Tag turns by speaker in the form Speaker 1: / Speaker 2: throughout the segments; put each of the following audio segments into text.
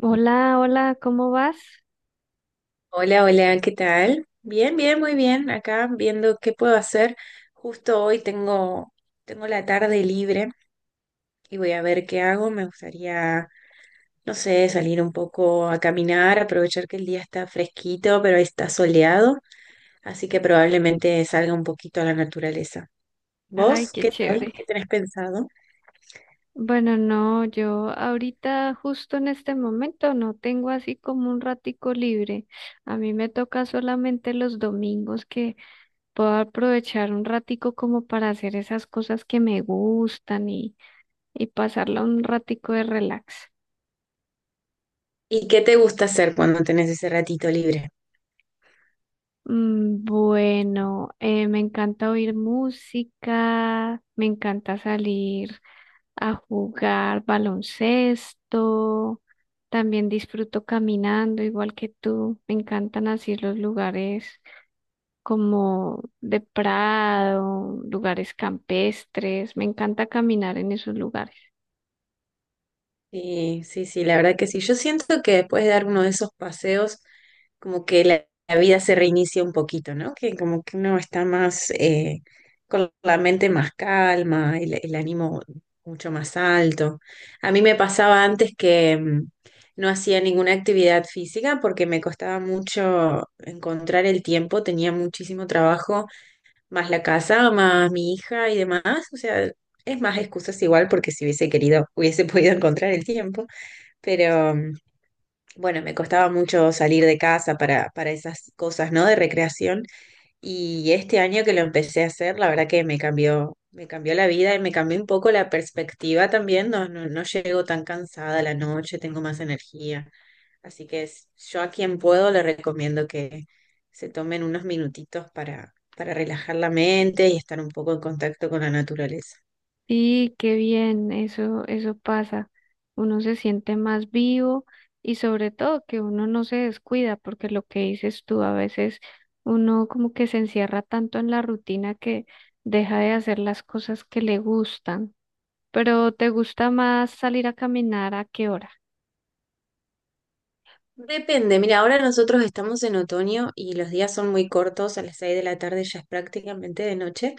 Speaker 1: Hola, hola, ¿cómo vas?
Speaker 2: Hola, hola, ¿qué tal? Bien, bien, muy bien. Acá viendo qué puedo hacer. Justo hoy tengo la tarde libre y voy a ver qué hago. Me gustaría, no sé, salir un poco a caminar, aprovechar que el día está fresquito, pero está soleado, así que probablemente salga un poquito a la naturaleza.
Speaker 1: Ay,
Speaker 2: ¿Vos
Speaker 1: qué
Speaker 2: qué tal? ¿Qué
Speaker 1: chévere.
Speaker 2: tenés pensado?
Speaker 1: Bueno, no, yo ahorita justo en este momento no tengo así como un ratico libre. A mí me toca solamente los domingos que puedo aprovechar un ratico como para hacer esas cosas que me gustan y pasarla un ratico de relax.
Speaker 2: ¿Y qué te gusta hacer cuando tenés ese ratito libre?
Speaker 1: Bueno, me encanta oír música, me encanta salir a jugar baloncesto. También disfruto caminando, igual que tú. Me encantan así los lugares como de prado, lugares campestres. Me encanta caminar en esos lugares.
Speaker 2: Sí, sí, sí, la verdad que sí. Yo siento que después de dar uno de esos paseos, como que la vida se reinicia un poquito, ¿no? Que como que uno está más con la mente más calma, el ánimo mucho más alto. A mí me pasaba antes que no hacía ninguna actividad física porque me costaba mucho encontrar el tiempo, tenía muchísimo trabajo más la casa, más mi hija y demás. O sea, es más excusas igual porque si hubiese querido, hubiese podido encontrar el tiempo. Pero bueno, me costaba mucho salir de casa para esas cosas, ¿no? De recreación. Y este año que lo empecé a hacer, la verdad que me cambió la vida y me cambió un poco la perspectiva también. No, no, no llego tan cansada a la noche, tengo más energía. Así que yo a quien puedo le recomiendo que se tomen unos minutitos para relajar la mente y estar un poco en contacto con la naturaleza.
Speaker 1: Y qué bien, eso pasa. Uno se siente más vivo y sobre todo que uno no se descuida, porque lo que dices tú, a veces uno como que se encierra tanto en la rutina que deja de hacer las cosas que le gustan. Pero ¿te gusta más salir a caminar a qué hora?
Speaker 2: Depende, mira, ahora nosotros estamos en otoño y los días son muy cortos, a las 6 de la tarde ya es prácticamente de noche.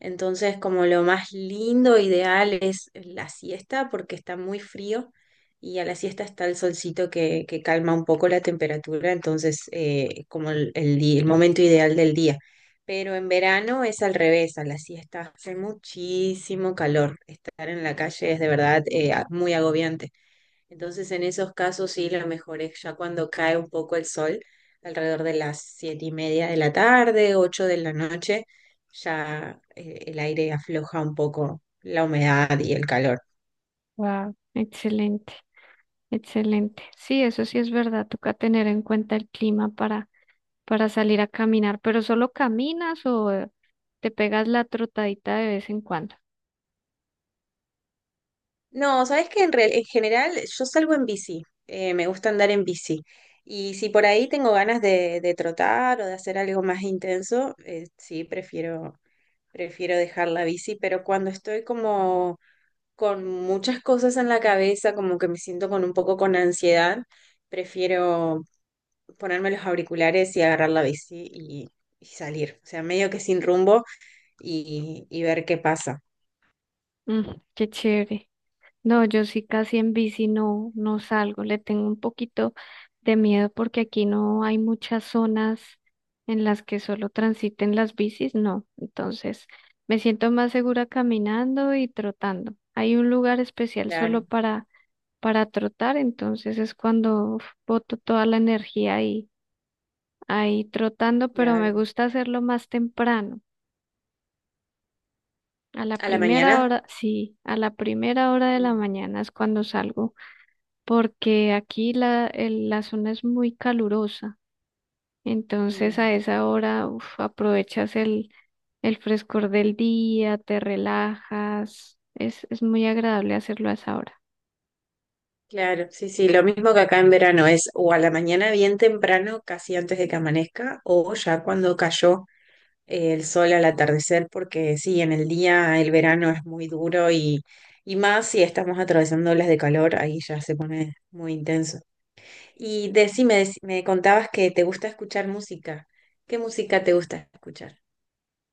Speaker 2: Entonces, como lo más lindo, ideal es la siesta porque está muy frío y a la siesta está el solcito que calma un poco la temperatura, entonces como el momento ideal del día. Pero en verano es al revés, a la siesta hace muchísimo calor. Estar en la calle es de verdad muy agobiante. Entonces, en esos casos sí, lo mejor es ya cuando cae un poco el sol, alrededor de las 7:30 de la tarde, 8 de la noche, ya el aire afloja un poco la humedad y el calor.
Speaker 1: Wow, excelente, excelente. Sí, eso sí es verdad, toca tener en cuenta el clima para salir a caminar, pero solo caminas o te pegas la trotadita de vez en cuando.
Speaker 2: No, sabes que en general yo salgo en bici, me gusta andar en bici. Y si por ahí tengo ganas de trotar o de hacer algo más intenso, sí, prefiero dejar la bici, pero cuando estoy como con muchas cosas en la cabeza, como que me siento con un poco con ansiedad, prefiero ponerme los auriculares y agarrar la bici y salir. O sea, medio que sin rumbo y ver qué pasa.
Speaker 1: Mm, qué chévere. No, yo sí casi en bici no, no salgo, le tengo un poquito de miedo porque aquí no hay muchas zonas en las que solo transiten las bicis, no. Entonces, me siento más segura caminando y trotando. Hay un lugar especial solo
Speaker 2: Claro,
Speaker 1: para trotar, entonces es cuando uf, boto toda la energía ahí trotando, pero me
Speaker 2: claro.
Speaker 1: gusta hacerlo más temprano. A la
Speaker 2: ¿A la
Speaker 1: primera
Speaker 2: mañana?
Speaker 1: hora, sí, a la primera hora de la
Speaker 2: Mm.
Speaker 1: mañana es cuando salgo, porque aquí la zona es muy calurosa. Entonces
Speaker 2: Mm.
Speaker 1: a esa hora, uf, aprovechas el frescor del día, te relajas. Es muy agradable hacerlo a esa hora.
Speaker 2: Claro, sí, sí, lo mismo que acá en verano es o a la mañana bien temprano, casi antes de que amanezca, o ya cuando cayó el sol al atardecer, porque sí, en el día el verano es muy duro y más si estamos atravesando olas de calor, ahí ya se pone muy intenso. Y decime, me contabas que te gusta escuchar música. ¿Qué música te gusta escuchar?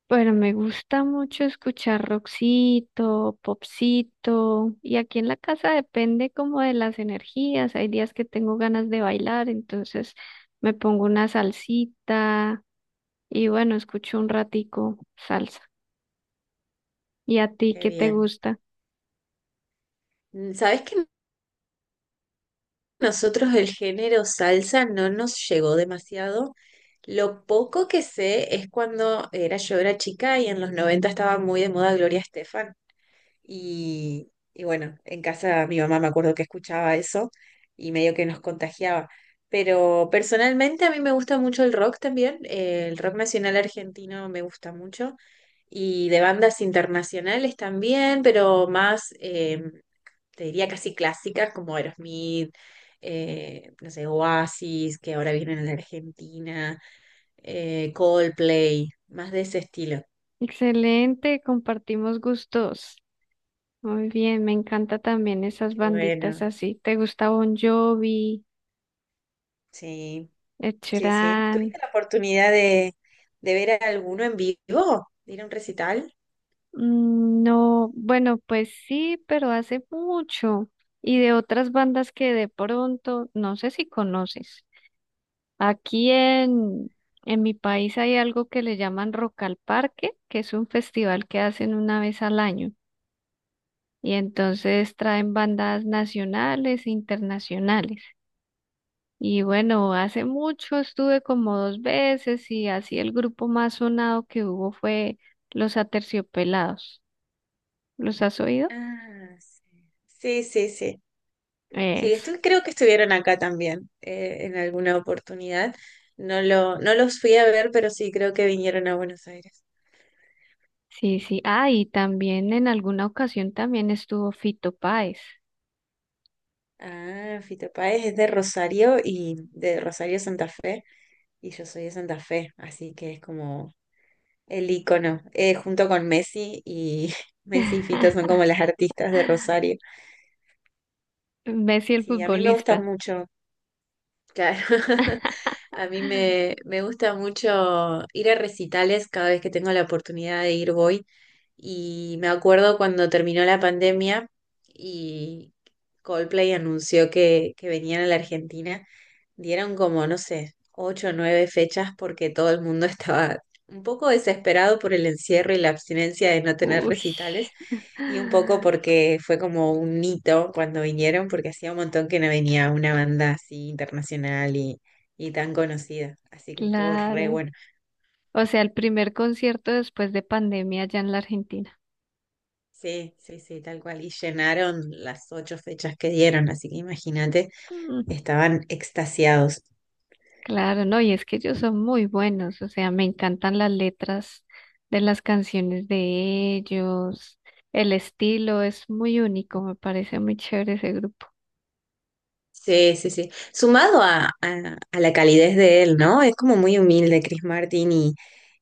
Speaker 1: Bueno, me gusta mucho escuchar rockcito, popcito, y aquí en la casa depende como de las energías. Hay días que tengo ganas de bailar, entonces me pongo una salsita y bueno, escucho un ratico salsa. ¿Y a ti
Speaker 2: Qué
Speaker 1: qué te
Speaker 2: bien.
Speaker 1: gusta?
Speaker 2: ¿Sabés que nosotros el género salsa no nos llegó demasiado? Lo poco que sé es cuando era yo era chica y en los 90 estaba muy de moda Gloria Estefan. Y bueno, en casa mi mamá me acuerdo que escuchaba eso y medio que nos contagiaba. Pero personalmente a mí me gusta mucho el rock también. El rock nacional argentino me gusta mucho. Y de bandas internacionales también, pero más, te diría casi clásicas como Aerosmith, no sé, Oasis, que ahora vienen a la Argentina, Coldplay, más de ese estilo.
Speaker 1: Excelente, compartimos gustos. Muy bien, me encanta también esas
Speaker 2: Qué
Speaker 1: banditas
Speaker 2: bueno,
Speaker 1: así. ¿Te gusta Bon Jovi,
Speaker 2: sí.
Speaker 1: Ed
Speaker 2: Sí, sí.
Speaker 1: Sheeran?
Speaker 2: ¿Tuviste la oportunidad de ver a alguno en vivo? ¿De ir a un recital?
Speaker 1: No, bueno, pues sí, pero hace mucho. Y de otras bandas que de pronto, no sé si conoces. Aquí en mi país hay algo que le llaman Rock al Parque, que es un festival que hacen una vez al año. Y entonces traen bandas nacionales e internacionales. Y bueno, hace mucho estuve como dos veces y así el grupo más sonado que hubo fue Los Aterciopelados. ¿Los has oído?
Speaker 2: Ah, sí. Sí, sí, sí. Sí,
Speaker 1: Eso.
Speaker 2: creo que estuvieron acá también en alguna oportunidad. No los fui a ver, pero sí creo que vinieron a Buenos Aires.
Speaker 1: Sí, sí. Ah, y también en alguna ocasión también estuvo Fito Páez.
Speaker 2: Ah, Fito Páez es de Rosario y de Rosario Santa Fe, y yo soy de Santa Fe, así que es como el ícono, junto con Messi y Messi y Fito son como las artistas de Rosario.
Speaker 1: Messi el
Speaker 2: Sí, a mí me gusta
Speaker 1: futbolista.
Speaker 2: mucho. Claro. A mí me gusta mucho ir a recitales cada vez que tengo la oportunidad de ir voy y me acuerdo cuando terminó la pandemia y Coldplay anunció que venían a la Argentina, dieron como, no sé, ocho o nueve fechas porque todo el mundo estaba un poco desesperado por el encierro y la abstinencia de no tener
Speaker 1: Uy,
Speaker 2: recitales y un poco porque fue como un hito cuando vinieron, porque hacía un montón que no venía una banda así internacional y tan conocida. Así que estuvo re
Speaker 1: claro.
Speaker 2: bueno.
Speaker 1: O sea, el primer concierto después de pandemia allá en la Argentina.
Speaker 2: Sí, sí, sí, tal cual. Y llenaron las ocho fechas que dieron, así que imagínate,
Speaker 1: Mm,
Speaker 2: estaban extasiados.
Speaker 1: claro, no, y es que ellos son muy buenos, o sea, me encantan las letras de las canciones de ellos, el estilo es muy único, me parece muy chévere ese grupo.
Speaker 2: Sí, sí, sí. Sumado a la calidez de él, ¿no? Es como muy humilde Chris Martin y,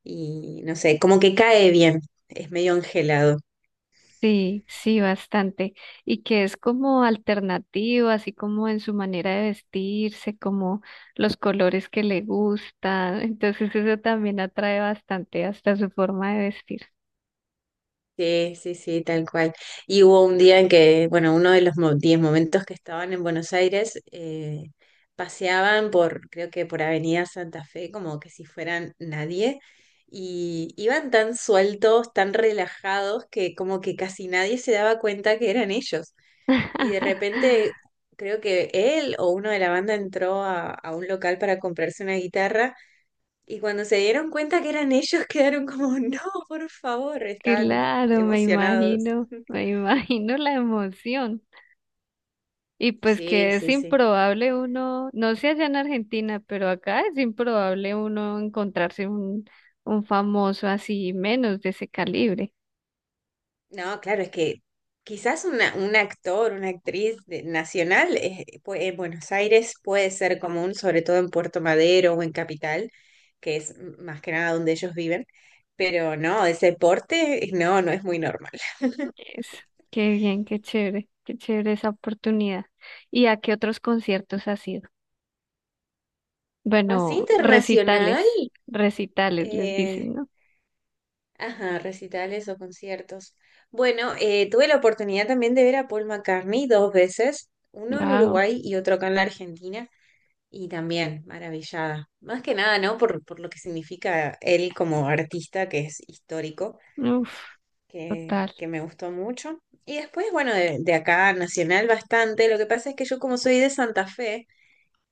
Speaker 2: y no sé, como que cae bien. Es medio angelado.
Speaker 1: Sí, sí, bastante. Y que es como alternativo, así como en su manera de vestirse, como los colores que le gustan. Entonces eso también atrae bastante hasta su forma de vestir.
Speaker 2: Sí, sí, sí, tal cual. Y hubo un día en que, bueno, uno de los 10 momentos que estaban en Buenos Aires, paseaban por, creo que por Avenida Santa Fe, como que si fueran nadie, y iban tan sueltos, tan relajados, que como que casi nadie se daba cuenta que eran ellos. Y de repente, creo que él o uno de la banda entró a un local para comprarse una guitarra. Y cuando se dieron cuenta que eran ellos, quedaron como, no, por favor, estaban
Speaker 1: Claro, me
Speaker 2: emocionados.
Speaker 1: imagino, me imagino la emoción. Y pues
Speaker 2: Sí,
Speaker 1: que es
Speaker 2: sí, sí.
Speaker 1: improbable uno, no sé allá en Argentina, pero acá es improbable uno encontrarse un, famoso así menos de ese calibre.
Speaker 2: No, claro, es que quizás una, un actor, una actriz nacional en Buenos Aires puede ser común, sobre todo en Puerto Madero o en Capital, que es más que nada donde ellos viven, pero no, ese porte no, no es muy normal.
Speaker 1: Es, qué bien, qué chévere esa oportunidad. ¿Y a qué otros conciertos has ido?
Speaker 2: Así
Speaker 1: Bueno, recitales,
Speaker 2: internacional.
Speaker 1: recitales les dicen, ¿no?
Speaker 2: Ajá, recitales o conciertos. Bueno, tuve la oportunidad también de ver a Paul McCartney dos veces, uno en
Speaker 1: Wow,
Speaker 2: Uruguay y otro acá en la Argentina, y también maravillada. Más que nada, ¿no? Por lo que significa él como artista, que es histórico,
Speaker 1: uf,
Speaker 2: que,
Speaker 1: total,
Speaker 2: que me gustó mucho. Y después, bueno, de acá, nacional bastante. Lo que pasa es que yo como soy de Santa Fe,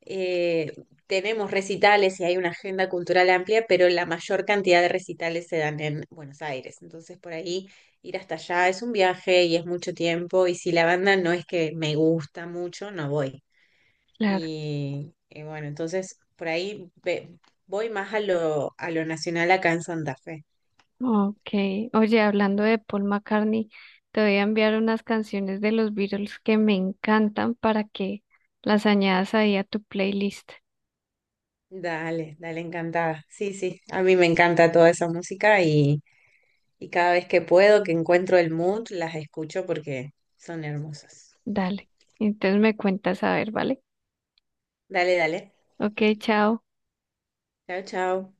Speaker 2: eh, tenemos recitales y hay una agenda cultural amplia, pero la mayor cantidad de recitales se dan en Buenos Aires. Entonces, por ahí ir hasta allá es un viaje y es mucho tiempo. Y si la banda no es que me gusta mucho, no voy.
Speaker 1: claro.
Speaker 2: Y bueno, entonces por ahí voy más a lo, nacional acá en Santa Fe.
Speaker 1: Okay, oye, hablando de Paul McCartney, te voy a enviar unas canciones de los Beatles que me encantan para que las añadas ahí a tu playlist.
Speaker 2: Dale, dale, encantada. Sí, sí, a mí me encanta toda esa música y cada vez que puedo, que encuentro el mood, las escucho porque son hermosas.
Speaker 1: Dale, entonces me cuentas a ver, ¿vale?
Speaker 2: Dale, dale.
Speaker 1: Ok, chao.
Speaker 2: Chao, chao.